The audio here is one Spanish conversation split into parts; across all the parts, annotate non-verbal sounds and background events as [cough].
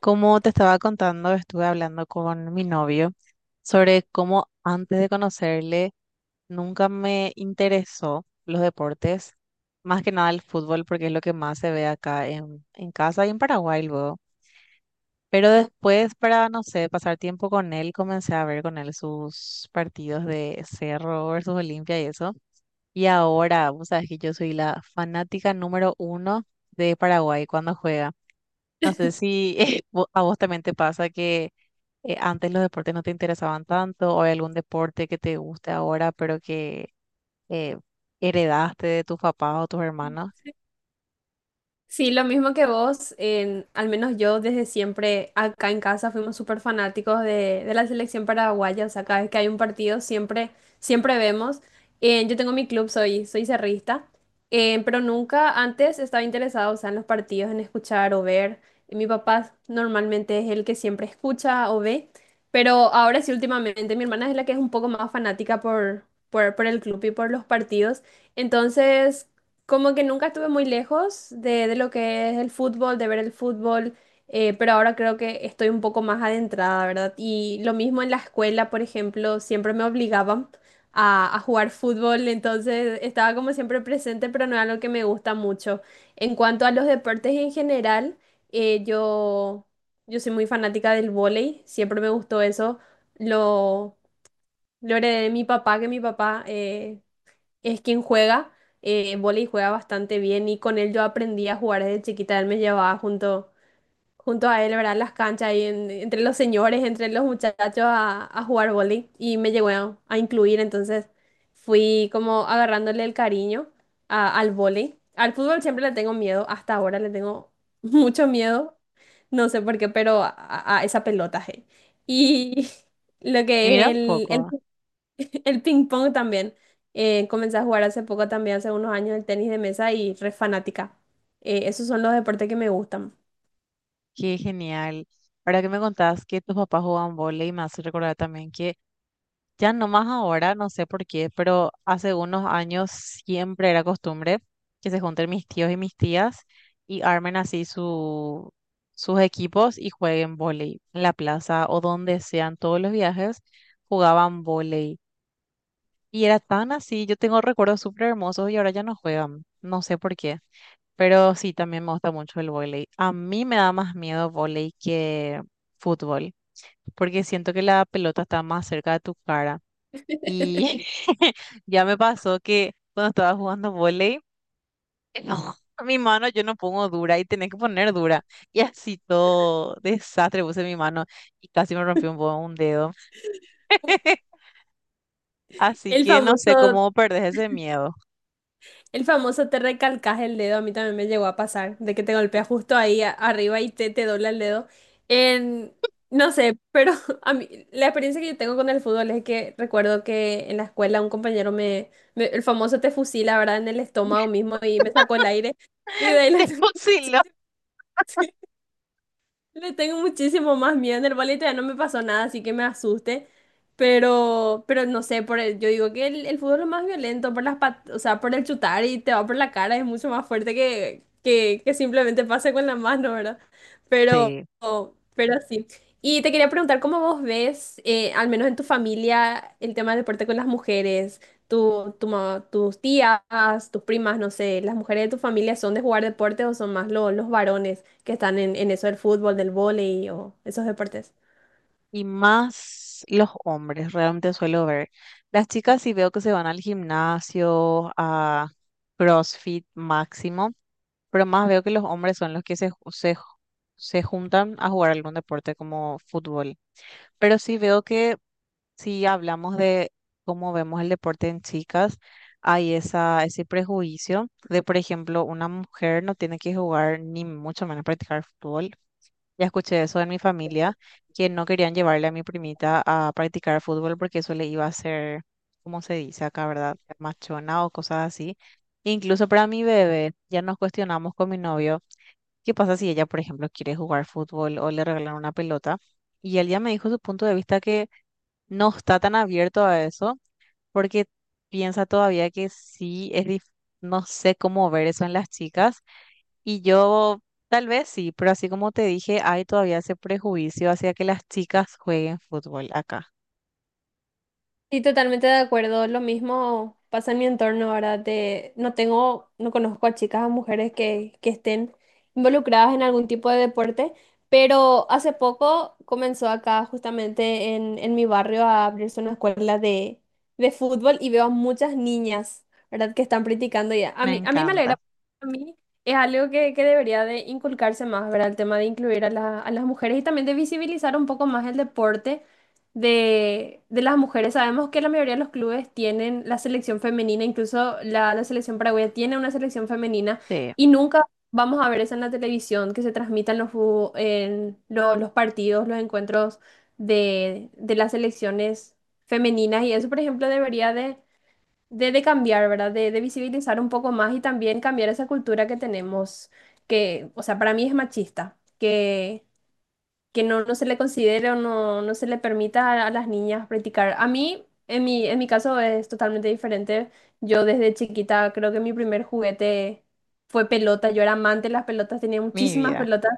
Como te estaba contando, estuve hablando con mi novio sobre cómo antes de conocerle nunca me interesó los deportes, más que nada el fútbol, porque es lo que más se ve acá en casa y en Paraguay luego. Pero después, para, no sé, pasar tiempo con él, comencé a ver con él sus partidos de Cerro versus Olimpia y eso. Y ahora, vos sabés que yo soy la fanática número uno de Paraguay cuando juega. No sé si [laughs] a vos también te pasa que antes los deportes no te interesaban tanto, o hay algún deporte que te guste ahora, pero que eh, heredaste de tus papás o tus hermanos. Sí, lo mismo que vos, al menos yo desde siempre acá en casa fuimos súper fanáticos de la selección paraguaya, o sea, cada vez que hay un partido siempre vemos. Yo tengo mi club, soy cerrista, pero nunca antes estaba interesado, o sea, en los partidos, en escuchar o ver. Y mi papá normalmente es el que siempre escucha o ve, pero ahora sí últimamente mi hermana es la que es un poco más fanática por el club y por los partidos. Entonces... Como que nunca estuve muy lejos de lo que es el fútbol, de ver el fútbol, pero ahora creo que estoy un poco más adentrada, ¿verdad? Y lo mismo en la escuela, por ejemplo, siempre me obligaban a jugar fútbol, entonces estaba como siempre presente, pero no era algo que me gusta mucho. En cuanto a los deportes en general, eh, yo, yo soy muy fanática del vóley, siempre me gustó eso, lo, lo heredé de mi papá, que mi papá... es quien juega vóley y juega bastante bien y con él yo aprendí a jugar desde chiquita. Él me llevaba junto a él, ¿verdad? En las canchas y entre los señores, entre los muchachos a jugar vóley y me llegó a incluir. Entonces fui como agarrándole el cariño al vóley. Al fútbol siempre le tengo miedo, hasta ahora le tengo [laughs] mucho miedo, no sé por qué, pero a esa pelota. Je. Y [laughs] lo Y que es mira un el poco, [laughs] el ping pong también. Comencé a jugar hace poco también, hace unos años, el tenis de mesa y re fanática. Esos son los deportes que me gustan. qué genial. Ahora que me contás que tus papás jugaban vóley, me hace recordar también que ya nomás ahora, no sé por qué, pero hace unos años siempre era costumbre que se junten mis tíos y mis tías y armen así sus equipos y jueguen vóley en la plaza o donde sean todos los viajes, jugaban vóley. Y era tan así, yo tengo recuerdos súper hermosos y ahora ya no juegan, no sé por qué. Pero sí, también me gusta mucho el vóley. A mí me da más miedo vóley que fútbol, porque siento que la pelota está más cerca de tu cara. Y [laughs] [laughs] ya me pasó que cuando estaba jugando volei, no, [laughs] mi mano yo no pongo dura y tenés que poner dura. Y así todo desastre puse mi mano y casi me rompió un dedo. [laughs] Así El que no sé famoso, cómo perdés ese miedo. el famoso te recalcas el dedo, a mí también me llegó a pasar, de que te golpea justo ahí arriba y te dobla el dedo. En, no sé, pero [laughs] a mí, la experiencia que yo tengo con el fútbol es que recuerdo que en la escuela un compañero el famoso te fusila, ¿verdad? En el estómago [laughs] mismo y me sacó el aire y de ahí Te la... [laughs] fusiló. Le tengo muchísimo más miedo. En el ballet ya no me pasó nada, así que me asuste. Pero no sé, yo digo que el fútbol es más violento por las o sea, por el chutar y te va por la cara, es mucho más fuerte que simplemente pase con la mano, ¿verdad? Pero, Sí. pero sí. Y te quería preguntar, ¿cómo vos ves, al menos en tu familia, el tema del deporte con las mujeres? Tus tías, tus primas, no sé, ¿las mujeres de tu familia son de jugar deportes o son más los varones que están en eso del fútbol, del vóley o esos deportes? Y más los hombres, realmente suelo ver. Las chicas sí veo que se van al gimnasio, a CrossFit máximo. Pero más veo que los hombres son los que se juntan a jugar algún deporte como fútbol. Pero sí veo que si hablamos de cómo vemos el deporte en chicas, hay ese prejuicio de, por ejemplo, una mujer no tiene que jugar ni mucho menos practicar fútbol. Ya escuché eso en mi familia, que no querían llevarle a mi primita a practicar fútbol porque eso le iba a hacer, como se dice acá, ¿verdad? Machona o cosas así. Incluso para mi bebé, ya nos cuestionamos con mi novio ¿qué pasa si ella, por ejemplo, quiere jugar fútbol o le regalan una pelota? Y él ya me dijo su punto de vista que no está tan abierto a eso porque piensa todavía que sí es dif- no sé cómo ver eso en las chicas. Y yo tal vez sí, pero así como te dije, hay todavía ese prejuicio hacia que las chicas jueguen fútbol acá. Sí, totalmente de acuerdo. Lo mismo pasa en mi entorno ahora. De, no tengo, no conozco a chicas o mujeres que estén involucradas en algún tipo de deporte, pero hace poco comenzó acá justamente en mi barrio a abrirse una escuela de fútbol y veo a muchas niñas, ¿verdad? Que están practicando y Me a mí me alegra. encanta. A mí es algo que debería de inculcarse más, ¿verdad? El tema de incluir a a las mujeres y también de visibilizar un poco más el deporte de las mujeres. Sabemos que la mayoría de los clubes tienen la selección femenina, incluso la selección paraguaya tiene una selección femenina Sí, y nunca vamos a ver eso en la televisión que se transmitan los, fu- en lo- los partidos, los encuentros de las selecciones femeninas y eso, por ejemplo, debería de cambiar, ¿verdad? De visibilizar un poco más y también cambiar esa cultura que tenemos, que, o sea, para mí es machista que no se le considere o no se le permita a las niñas practicar. A mí, en mi caso, es totalmente diferente. Yo desde chiquita creo que mi primer juguete fue pelota. Yo era amante de las pelotas, tenía mi muchísimas vida. pelotas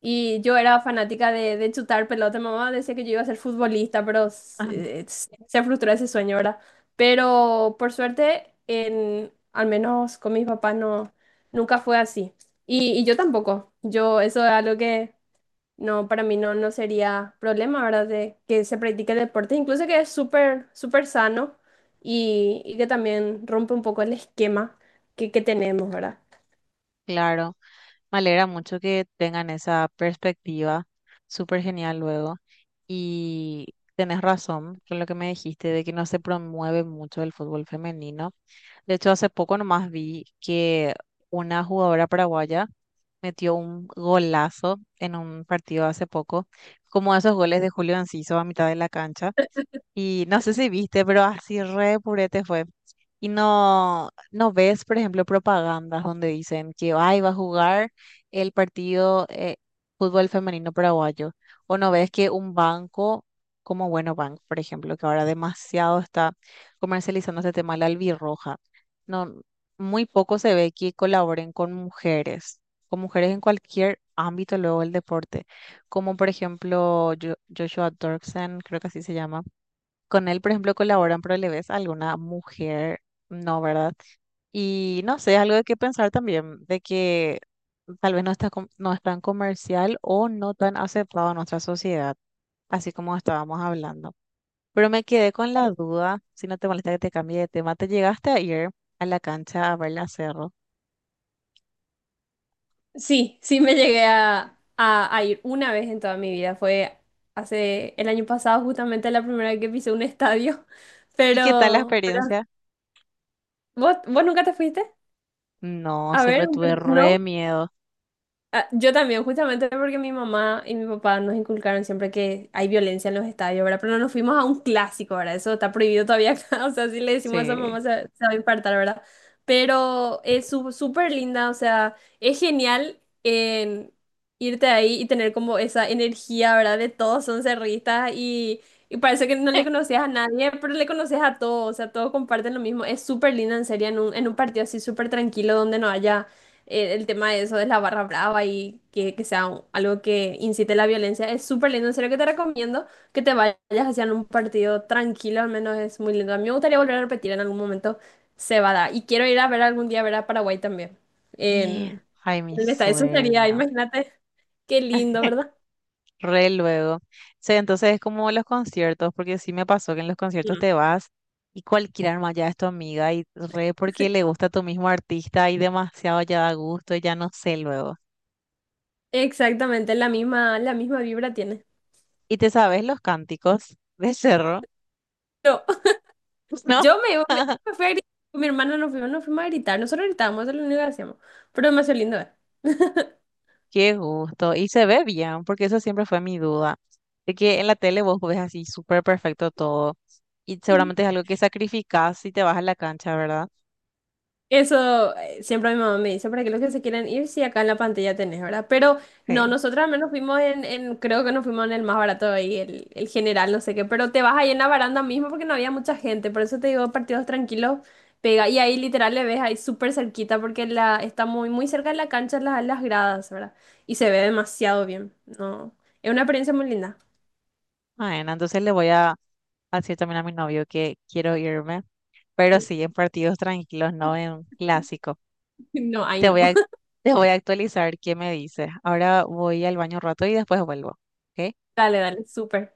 y yo era fanática de chutar pelota. Mi mamá decía que yo iba a ser futbolista, pero [laughs] se frustró ese sueño, ¿verdad? Pero por suerte, en, al menos con mis papás, no, nunca fue así. Y yo tampoco. Yo, eso es algo que... No, para mí no, no sería problema, ¿verdad? De que se practique el deporte, incluso que es súper, súper sano y que también rompe un poco el esquema que tenemos, ¿verdad? Claro. Me alegra mucho que tengan esa perspectiva, súper genial luego. Y tenés razón con lo que me dijiste de que no se promueve mucho el fútbol femenino. De hecho, hace poco nomás vi que una jugadora paraguaya metió un golazo en un partido hace poco, como esos goles de Julio Enciso a mitad de la cancha. Y no sé si viste, pero así re purete fue. Y no, no ves, por ejemplo, propagandas donde dicen que ay, va a jugar el partido fútbol femenino paraguayo. O no ves que un banco como Bueno Bank, por ejemplo, que ahora demasiado está comercializando este tema, la albirroja. No, muy poco se ve que colaboren con mujeres, en cualquier ámbito luego del deporte. Como por ejemplo Joshua Dorksen, creo que así se llama con él, por ejemplo, colaboran, pero le ves a alguna mujer, no, ¿verdad? Y no sé, algo de qué pensar también, de que tal vez no no es tan comercial o no tan aceptado en nuestra sociedad, así como estábamos hablando. Pero me quedé con la duda, si no te molesta que te cambie de tema, ¿te llegaste a ir a la cancha a ver la Cerro? Sí, sí me llegué a ir una vez en toda mi vida. Fue hace el año pasado, justamente la primera vez que pisé un estadio. [laughs] ¿Y qué tal la pero experiencia? Vos nunca te fuiste? No, A siempre ver, un, tuve re no? miedo. Ah, yo también, justamente porque mi mamá y mi papá nos inculcaron siempre que hay violencia en los estadios, ¿verdad? Pero no nos fuimos a un clásico, ¿verdad? Eso está prohibido todavía acá, [laughs] o sea, si le decimos a esa Sí. mamá se va a infartar, ¿verdad? Pero es súper linda, o sea, es genial en irte ahí y tener como esa energía, ¿verdad? De todos son cerristas y parece que no le [laughs] conocías a nadie, pero le conoces a todos, o sea, todos comparten lo mismo. Es súper linda, en serio, en un partido así súper tranquilo donde no haya el tema de eso de la barra brava y que sea algo que incite la violencia. Es súper lindo, en serio que te recomiendo que te vayas hacia un partido tranquilo, al menos es muy lindo. A mí me gustaría volver a repetir en algún momento Cebada. Y quiero ir a ver algún día ver a Paraguay también. Y- En, ay, mi en el estadio. Eso sería, sueño. imagínate, qué lindo, ¿verdad? Re luego. Sí, entonces es como los conciertos, porque sí me pasó que en los conciertos Mm. te vas y cualquiera arma ya es tu amiga y re porque le [laughs] gusta a tu mismo artista y demasiado ya da gusto, ya no sé luego. Exactamente, la misma vibra tiene. ¿Y te sabes los cánticos de Cerro? Yo, [laughs] [laughs] ¿No? yo me, me- [laughs] me fui a gritar, con mi hermana nos fuimos a gritar, nosotros gritábamos, eso es lo único que hacíamos, pero demasiado lindo, ¿eh? [laughs] Qué gusto. Y se ve bien, porque eso siempre fue mi duda. De que en la tele vos ves así súper perfecto todo y seguramente es algo que sacrificás si te vas a la cancha, ¿verdad? Eso siempre mi mamá me dice, para que los que se quieran ir, si acá en la pantalla tenés, ¿verdad? Pero no, Sí. nosotros al menos fuimos creo que nos fuimos en el más barato ahí, el general, no sé qué, pero te vas ahí en la baranda mismo porque no había mucha gente, por eso te digo, partidos tranquilos, pega, y ahí literal le ves ahí súper cerquita porque la, está muy cerca de la cancha, las gradas, ¿verdad? Y se ve demasiado bien, no, es una experiencia muy linda. Bueno, entonces le voy a así también a mi novio que quiero irme, pero Sí. sí en partidos tranquilos, no en clásico. [laughs] No, ahí Te no. voy a, [laughs] te voy a actualizar qué me dice. Ahora voy al baño un rato y después vuelvo. ¿Ok? Dale, dale, súper.